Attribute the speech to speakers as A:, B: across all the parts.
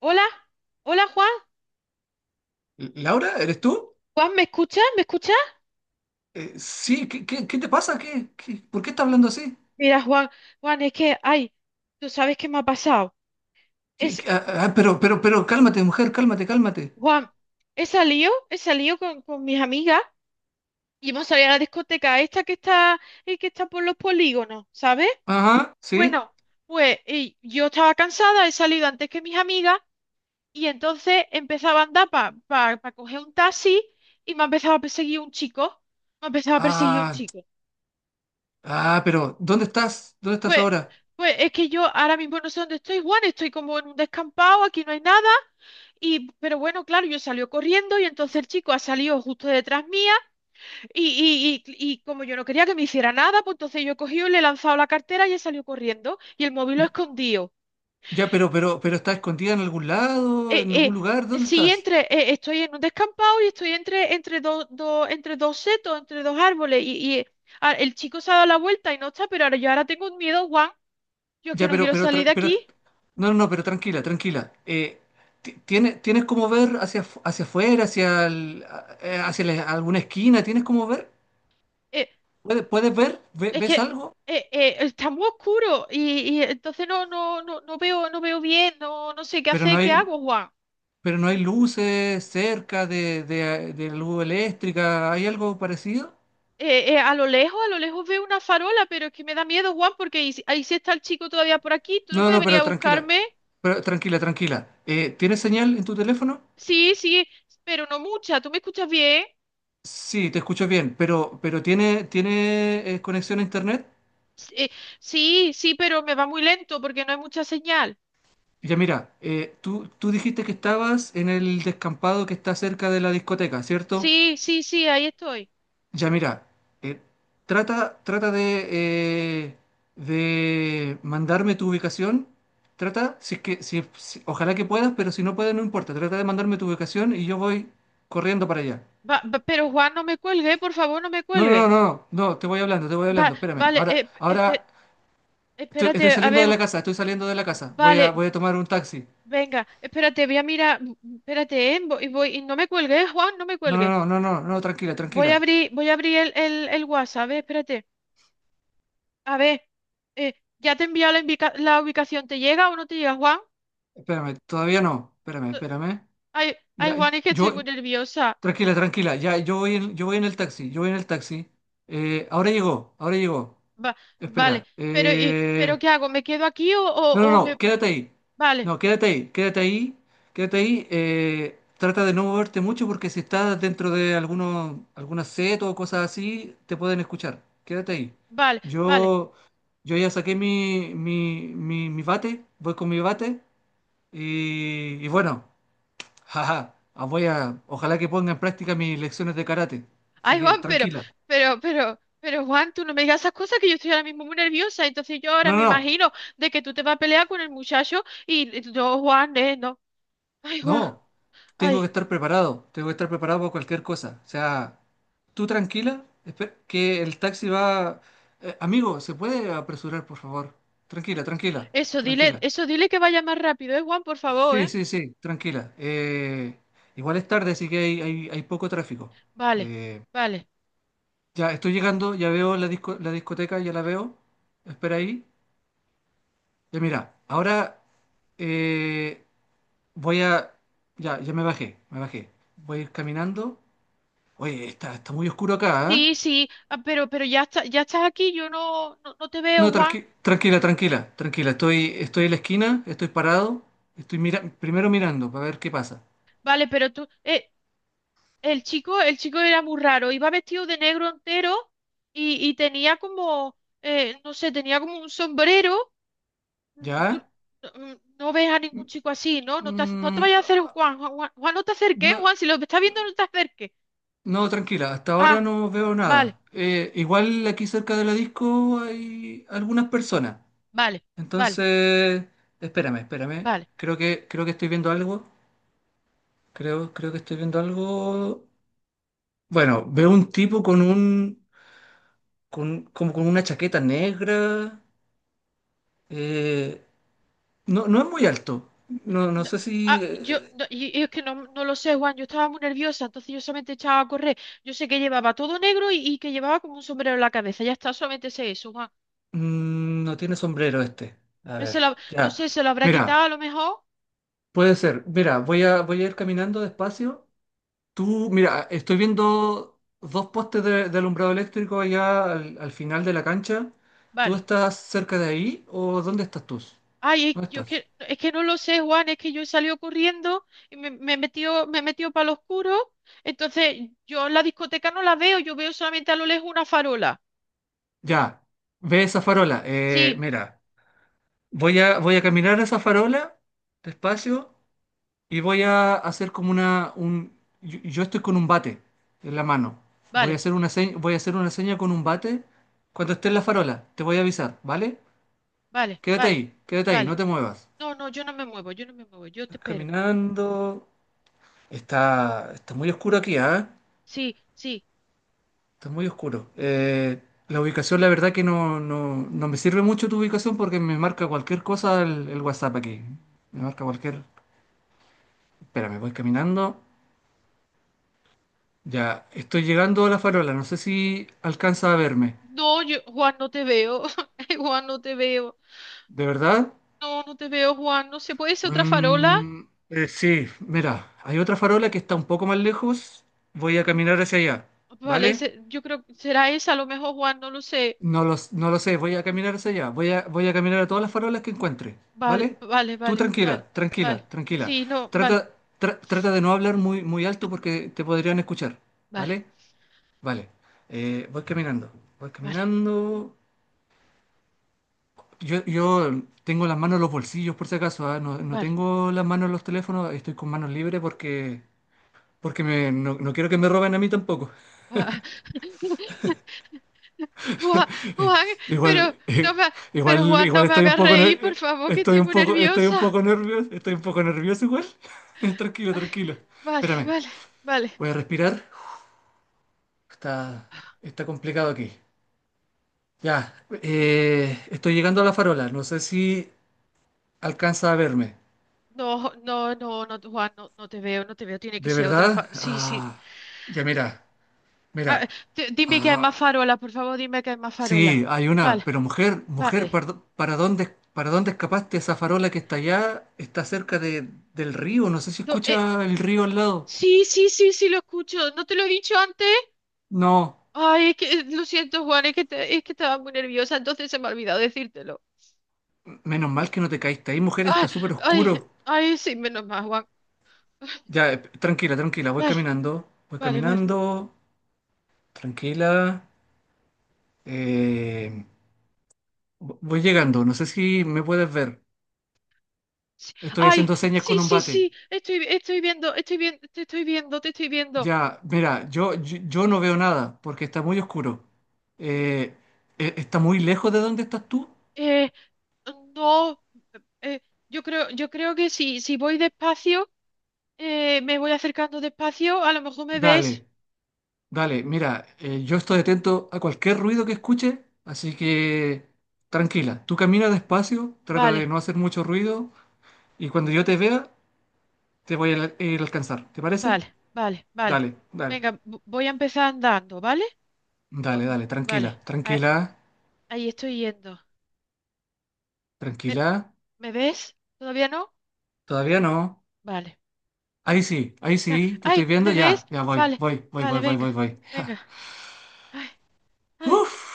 A: Hola, hola Juan,
B: Laura, ¿eres tú?
A: Juan, ¿me escuchas? ¿Me escuchas?
B: Sí, ¿ qué te pasa? ¿ por qué estás hablando así?
A: Mira, Juan, Juan, es que, ay, tú sabes qué me ha pasado. Es, eh,
B: Cálmate, mujer, cálmate, cálmate.
A: Juan, he salido con mis amigas y hemos salido a la discoteca esta que está por los polígonos, ¿sabes?
B: Ajá, sí.
A: Bueno, pues y yo estaba cansada, he salido antes que mis amigas y entonces empezaba a andar para coger un taxi y me ha empezado a perseguir un chico, me ha empezado a perseguir un
B: Ah,
A: chico.
B: pero, ¿dónde estás? ¿Dónde estás
A: Pues,
B: ahora?
A: pues es que yo ahora mismo no sé dónde estoy, Juan, estoy como en un descampado, aquí no hay nada, y pero bueno, claro, yo salió corriendo y entonces el chico ha salido justo detrás mía y como yo no quería que me hiciera nada, pues entonces yo he cogido y le he lanzado la cartera y he salido corriendo y el móvil lo he escondido.
B: Ya, pero, ¿estás escondida en algún lado, en
A: Eh,
B: algún lugar? ¿Dónde
A: sí,
B: estás?
A: estoy en un descampado y estoy entre entre dos setos, entre dos árboles y el chico se ha dado la vuelta y no está, pero ahora yo ahora tengo un miedo, Juan, yo es que
B: Ya,
A: no
B: pero,
A: quiero
B: pero,
A: salir
B: tra-
A: de
B: pero,
A: aquí.
B: no, no, no, pero tranquila, tranquila. Tienes cómo ver hacia, hacia afuera, hacia alguna esquina? ¿Tienes cómo ver?
A: Eh,
B: Puedes ver?
A: Es que
B: ¿Ves algo?
A: está muy oscuro y entonces no veo, no veo bien, no, no sé qué
B: Pero no
A: hacer, qué
B: hay.
A: hago, Juan.
B: Pero no hay luces cerca de luz eléctrica. ¿Hay algo parecido?
A: A lo lejos veo una farola, pero es que me da miedo, Juan, porque y si- ahí sí está el chico todavía por aquí. ¿Tú no
B: No,
A: puedes
B: no,
A: venir
B: pero
A: a
B: tranquila.
A: buscarme?
B: Pero tranquila, tranquila. ¿Tienes señal en tu teléfono?
A: Sí, sí, pero no mucha. ¿Tú me escuchas bien?
B: Sí, te escucho bien, pero tiene conexión a internet?
A: S- eh, sí, sí, pero me va muy lento porque no hay mucha señal.
B: Ya mira, tú dijiste que estabas en el descampado que está cerca de la discoteca, ¿cierto?
A: Sí, sí, sí, ahí estoy.
B: Ya mira, eh, trata eh, de mandarme tu ubicación. Trata, si es que, si ojalá que puedas, pero si no puedes, no importa. Trata de mandarme tu ubicación y yo voy corriendo para allá.
A: Pero Juan, no me cuelgue, por favor, no me
B: No, no, no, no,
A: cuelgue.
B: no, no, te voy hablando, te voy hablando. Espérame.
A: Vale,
B: Ahora, ahora estoy
A: espérate, a
B: saliendo de la
A: ver.
B: casa, estoy saliendo de la casa. Voy a,
A: Vale,
B: voy a tomar un taxi.
A: venga, espérate, voy a mirar, espérate, y no me cuelgue, Juan, no me
B: No, no,
A: cuelgue.
B: no, no, no, no, tranquila, tranquila.
A: Voy a abrir el WhatsApp, espérate. A ver, eh, ya te he enviado la ubicación, ¿te llega o no te llega, Juan?
B: Espérame, todavía no. Espérame,
A: Eh,
B: espérame.
A: Ay, ay,
B: Ya,
A: Juan, es que estoy muy
B: yo,
A: nerviosa.
B: tranquila, tranquila. Ya, yo voy en el taxi, yo voy en el taxi. Ahora llegó, ahora llegó.
A: Va- vale,
B: Espera.
A: pero ¿qué hago? ¿Me quedo aquí o,
B: No, no,
A: o, o
B: no,
A: me...
B: quédate ahí.
A: Vale,
B: No, quédate ahí, quédate ahí, quédate ahí. Trata de no moverte mucho porque si estás dentro de algunos, alguna setas o cosas así, te pueden escuchar. Quédate ahí.
A: vale, vale.
B: Yo, yo ya saqué mi bate, voy con mi bate y bueno. Jaja, ah, voy a, ojalá que ponga en práctica mis lecciones de karate. Así
A: Ay,
B: que
A: Juan,
B: tranquila.
A: pero, Juan, tú no me digas esas cosas que yo estoy ahora mismo muy nerviosa. Entonces yo ahora
B: No,
A: me
B: no, no,
A: imagino de que tú te vas a pelear con el muchacho y no, Juan, no. Ay, Juan,
B: no. Tengo que
A: ay.
B: estar preparado. Tengo que estar preparado para cualquier cosa. O sea, tú tranquila, que el taxi va. Amigo, ¿se puede apresurar, por favor? Tranquila, tranquila, tranquila.
A: Eso dile que vaya más rápido, Juan, por favor,
B: Sí,
A: eh.
B: sí, sí, tranquila. Igual es tarde, así que hay poco tráfico.
A: Vale,
B: Eh,
A: vale.
B: ya estoy llegando, ya veo la la discoteca, ya la veo. Espera ahí. Ya mira, ahora eh, voy a... Ya, ya me bajé, me bajé. Voy a ir caminando. Oye, está muy oscuro acá, ¿eh?
A: Sí, sí, ah, pero ya está, ya estás aquí, yo no te
B: No,
A: veo, Juan.
B: tranquila, tranquila, tranquila. Estoy en la esquina, estoy parado. Estoy mira primero mirando para ver qué pasa.
A: Vale, pero tú, el chico era muy raro, iba vestido de negro entero y tenía como, no sé, tenía como un sombrero. Tú
B: ¿Ya?
A: no, no ves a ningún chico así, ¿no? No te
B: Mm,
A: vayas a hacer
B: ah,
A: Juan, Juan, Juan, Juan, no te acerques, ¿eh,
B: no,
A: Juan, si lo estás viendo, no te acerques.
B: no, tranquila, hasta
A: Ah,
B: ahora no veo
A: vale,
B: nada. Igual aquí cerca de la disco hay algunas personas.
A: vale, vale,
B: Entonces, espérame, espérame.
A: vale.
B: Creo que estoy viendo algo. Creo que estoy viendo algo. Bueno, veo un tipo con un, con, como con una chaqueta negra. eh, no, no es muy alto. No, no
A: D-
B: sé
A: Ah,
B: si
A: yo, no, y es que no, no lo sé, Juan, yo estaba muy nerviosa, entonces yo solamente echaba a correr. Yo sé que llevaba todo negro y que llevaba como un sombrero en la cabeza, ya está, solamente sé eso, Juan.
B: no tiene sombrero este. A
A: No,
B: ver,
A: se lo- no
B: ya.
A: sé, se lo habrá quitado
B: Mira,
A: a lo mejor.
B: puede ser. Mira, voy a, voy a ir caminando despacio. Tú, mira, estoy viendo dos postes de alumbrado eléctrico allá al, al final de la cancha. ¿Tú
A: Vale.
B: estás cerca de ahí o dónde estás tú?
A: Ay, es,
B: ¿Dónde
A: yo
B: estás?
A: es que no lo sé, Juan, es que yo he salido corriendo y me, me he metido para lo oscuro. Entonces, yo en la discoteca no la veo, yo veo solamente a lo lejos una farola.
B: Ya, ve esa farola.
A: Sí,
B: Mira, voy a, voy a caminar a esa farola despacio y voy a hacer como una... Un, yo estoy con un bate en la mano. Voy a
A: vale,
B: hacer una seña, voy a hacer una seña con un bate cuando esté en la farola. Te voy a avisar, ¿vale?
A: vale, vale,
B: Quédate ahí, no
A: vale.
B: te muevas.
A: No, no, yo no me muevo, yo no me muevo, yo te espero.
B: Caminando. Está muy oscuro aquí, ¿ah?
A: Sí, sí.
B: Está muy oscuro. La ubicación, la verdad que no, no, no me sirve mucho tu ubicación porque me marca cualquier cosa el WhatsApp aquí. Me marca cualquier... Espera, me voy caminando. Ya, estoy llegando a la farola. No sé si alcanza a verme.
A: No, yo, Juan, no te veo. Ay, Juan, no te veo.
B: ¿De verdad?
A: No, no te veo, Juan. No sé, ¿puede ser otra farola?
B: Mm, sí, mira, hay otra farola que está un poco más lejos. Voy a caminar hacia allá. ¿Vale?
A: Yo creo que será esa, a lo mejor, Juan, no lo sé.
B: No lo sé, voy a caminar hacia allá, voy a, voy a caminar a todas las farolas que encuentre,
A: Vale,
B: ¿vale?
A: vale,
B: Tú
A: vale, vale,
B: tranquila,
A: vale.
B: tranquila, tranquila.
A: Sí, no, vale.
B: Trata, Trata de no hablar muy, muy alto porque te podrían escuchar,
A: Vale.
B: ¿vale? Vale. Voy caminando, voy
A: Vale,
B: caminando. Yo tengo las manos en los bolsillos por si acaso, ¿ah? No, no
A: vale.
B: tengo las manos en los teléfonos, estoy con manos libres porque, no, no quiero que me roben a mí tampoco.
A: Ah, Juan, Juan, pero
B: Igual,
A: no me, ha- pero Juan, no
B: igual
A: me
B: estoy un
A: hagas
B: poco,
A: reír, por favor, que
B: estoy
A: estoy
B: un
A: muy
B: poco, estoy un
A: nerviosa.
B: poco nervioso, estoy un poco nervioso igual. Tranquilo,
A: Ay,
B: tranquilo.
A: vale,
B: Espérame,
A: vale, vale.
B: voy a respirar. Está, está complicado aquí. Ya, estoy llegando a la farola. No sé si alcanza a verme.
A: No, no, no, no, Juan, no, no te veo, no te veo. Tiene que
B: ¿De
A: ser otra
B: verdad?
A: fa- Sí, sí.
B: Ah, ya mira,
A: Ah,
B: mira.
A: dime que hay más
B: Ah,
A: farola, por favor, dime que hay más
B: Sí,
A: farola.
B: hay una,
A: Vale,
B: pero mujer, mujer,
A: vale.
B: para dónde escapaste? Esa farola que está allá está cerca de, del río, no sé si
A: No,
B: escucha el río al lado.
A: sí, sí, sí, sí, lo escucho. ¿No te lo he dicho antes?
B: No,
A: Ay, es que, lo siento, Juan, es que estaba muy nerviosa, entonces se me ha olvidado decírtelo.
B: menos mal que no te caíste ahí, mujer, está
A: Ay,
B: súper oscuro.
A: ay, ay, sí, menos mal, Juan.
B: Ya, tranquila, tranquila,
A: Vale,
B: voy
A: vale, vale.
B: caminando, tranquila. eh, Voy llegando, no sé si me puedes ver.
A: Sí.
B: Estoy
A: Ay,
B: haciendo señas
A: sí,
B: con un
A: sí,
B: bate.
A: sí, estoy, estoy viendo, te estoy viendo, te estoy viendo.
B: Ya, mira, yo no veo nada porque está muy oscuro. Eh, ¿Está muy lejos de donde estás tú?
A: Eh, no, eh, yo creo que si, si voy despacio, me voy acercando despacio, a lo mejor me ves.
B: Dale, dale, mira, yo estoy atento a cualquier ruido que escuche, así que tranquila, tú camina despacio, trata de
A: Vale,
B: no hacer mucho ruido y cuando yo te vea te voy a ir a alcanzar, ¿te parece?
A: vale, vale, vale.
B: Dale, dale,
A: Venga, voy a empezar andando, ¿vale? Vo-
B: dale, dale, tranquila,
A: vale,
B: tranquila,
A: ahí estoy yendo. ¿Me,
B: tranquila,
A: me ves? ¿Todavía no?
B: todavía no.
A: Vale.
B: Ahí
A: Ah,
B: sí, te estoy
A: ay,
B: viendo,
A: ¿bebés?
B: ya, ya voy,
A: Vale,
B: voy, voy,
A: vale,
B: voy, voy, voy,
A: venga,
B: voy.
A: venga. Ay, ay,
B: Uf.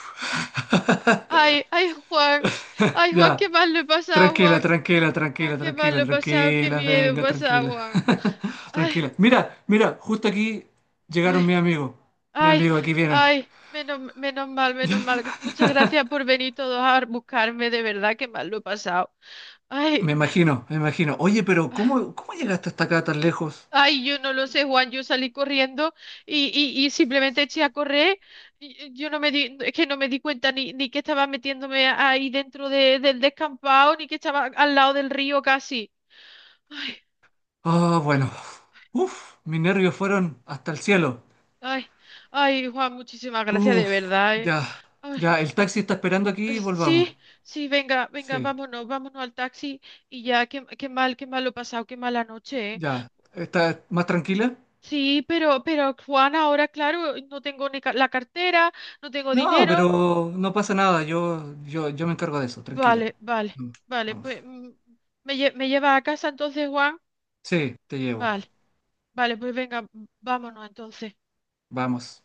A: ay, ay, Juan. Ay, Juan,
B: Ya,
A: qué mal lo he pasado,
B: tranquila,
A: Juan.
B: tranquila,
A: Ay,
B: tranquila,
A: qué mal
B: tranquila,
A: lo he pasado, qué
B: tranquila,
A: miedo he
B: venga,
A: pasado,
B: tranquila,
A: Juan. Ay,
B: tranquila. Mira, mira, justo aquí llegaron
A: ay,
B: mis amigos. Mis
A: ay,
B: amigos aquí vienen.
A: ay. Menos, menos mal, menos mal. Muchas gracias por venir todos a buscarme, de verdad, qué mal lo he pasado.
B: Me
A: Ay.
B: imagino, me imagino. Oye, pero cómo llegaste hasta acá tan lejos?
A: Ay, yo no lo sé, Juan, yo salí corriendo y simplemente eché a correr. Y yo no me di, es que no me di cuenta ni, ni que estaba metiéndome ahí dentro del descampado, ni que estaba al lado del río casi. Ay,
B: Ah, bueno. Uf, mis nervios fueron hasta el cielo.
A: ay, ay, Juan, muchísimas gracias de
B: Uf,
A: verdad, eh.
B: ya,
A: Ay,
B: ya, el taxi está esperando aquí volvamos.
A: sí, sí, venga, venga,
B: Sí,
A: vámonos, vámonos al taxi y ya, qué, qué mal lo he pasado, qué mala noche, eh.
B: ya. ¿Estás más tranquila?
A: Sí, pero Juan, ahora claro, no tengo ni ca- la cartera, no tengo
B: No,
A: dinero.
B: pero no pasa nada. Yo me encargo de eso, tranquila.
A: Vale, vale, vale,
B: Vamos.
A: pues me lleva a casa entonces, Juan.
B: Sí, te llevo.
A: Vale, vale, pues venga, vámonos entonces.
B: Vamos.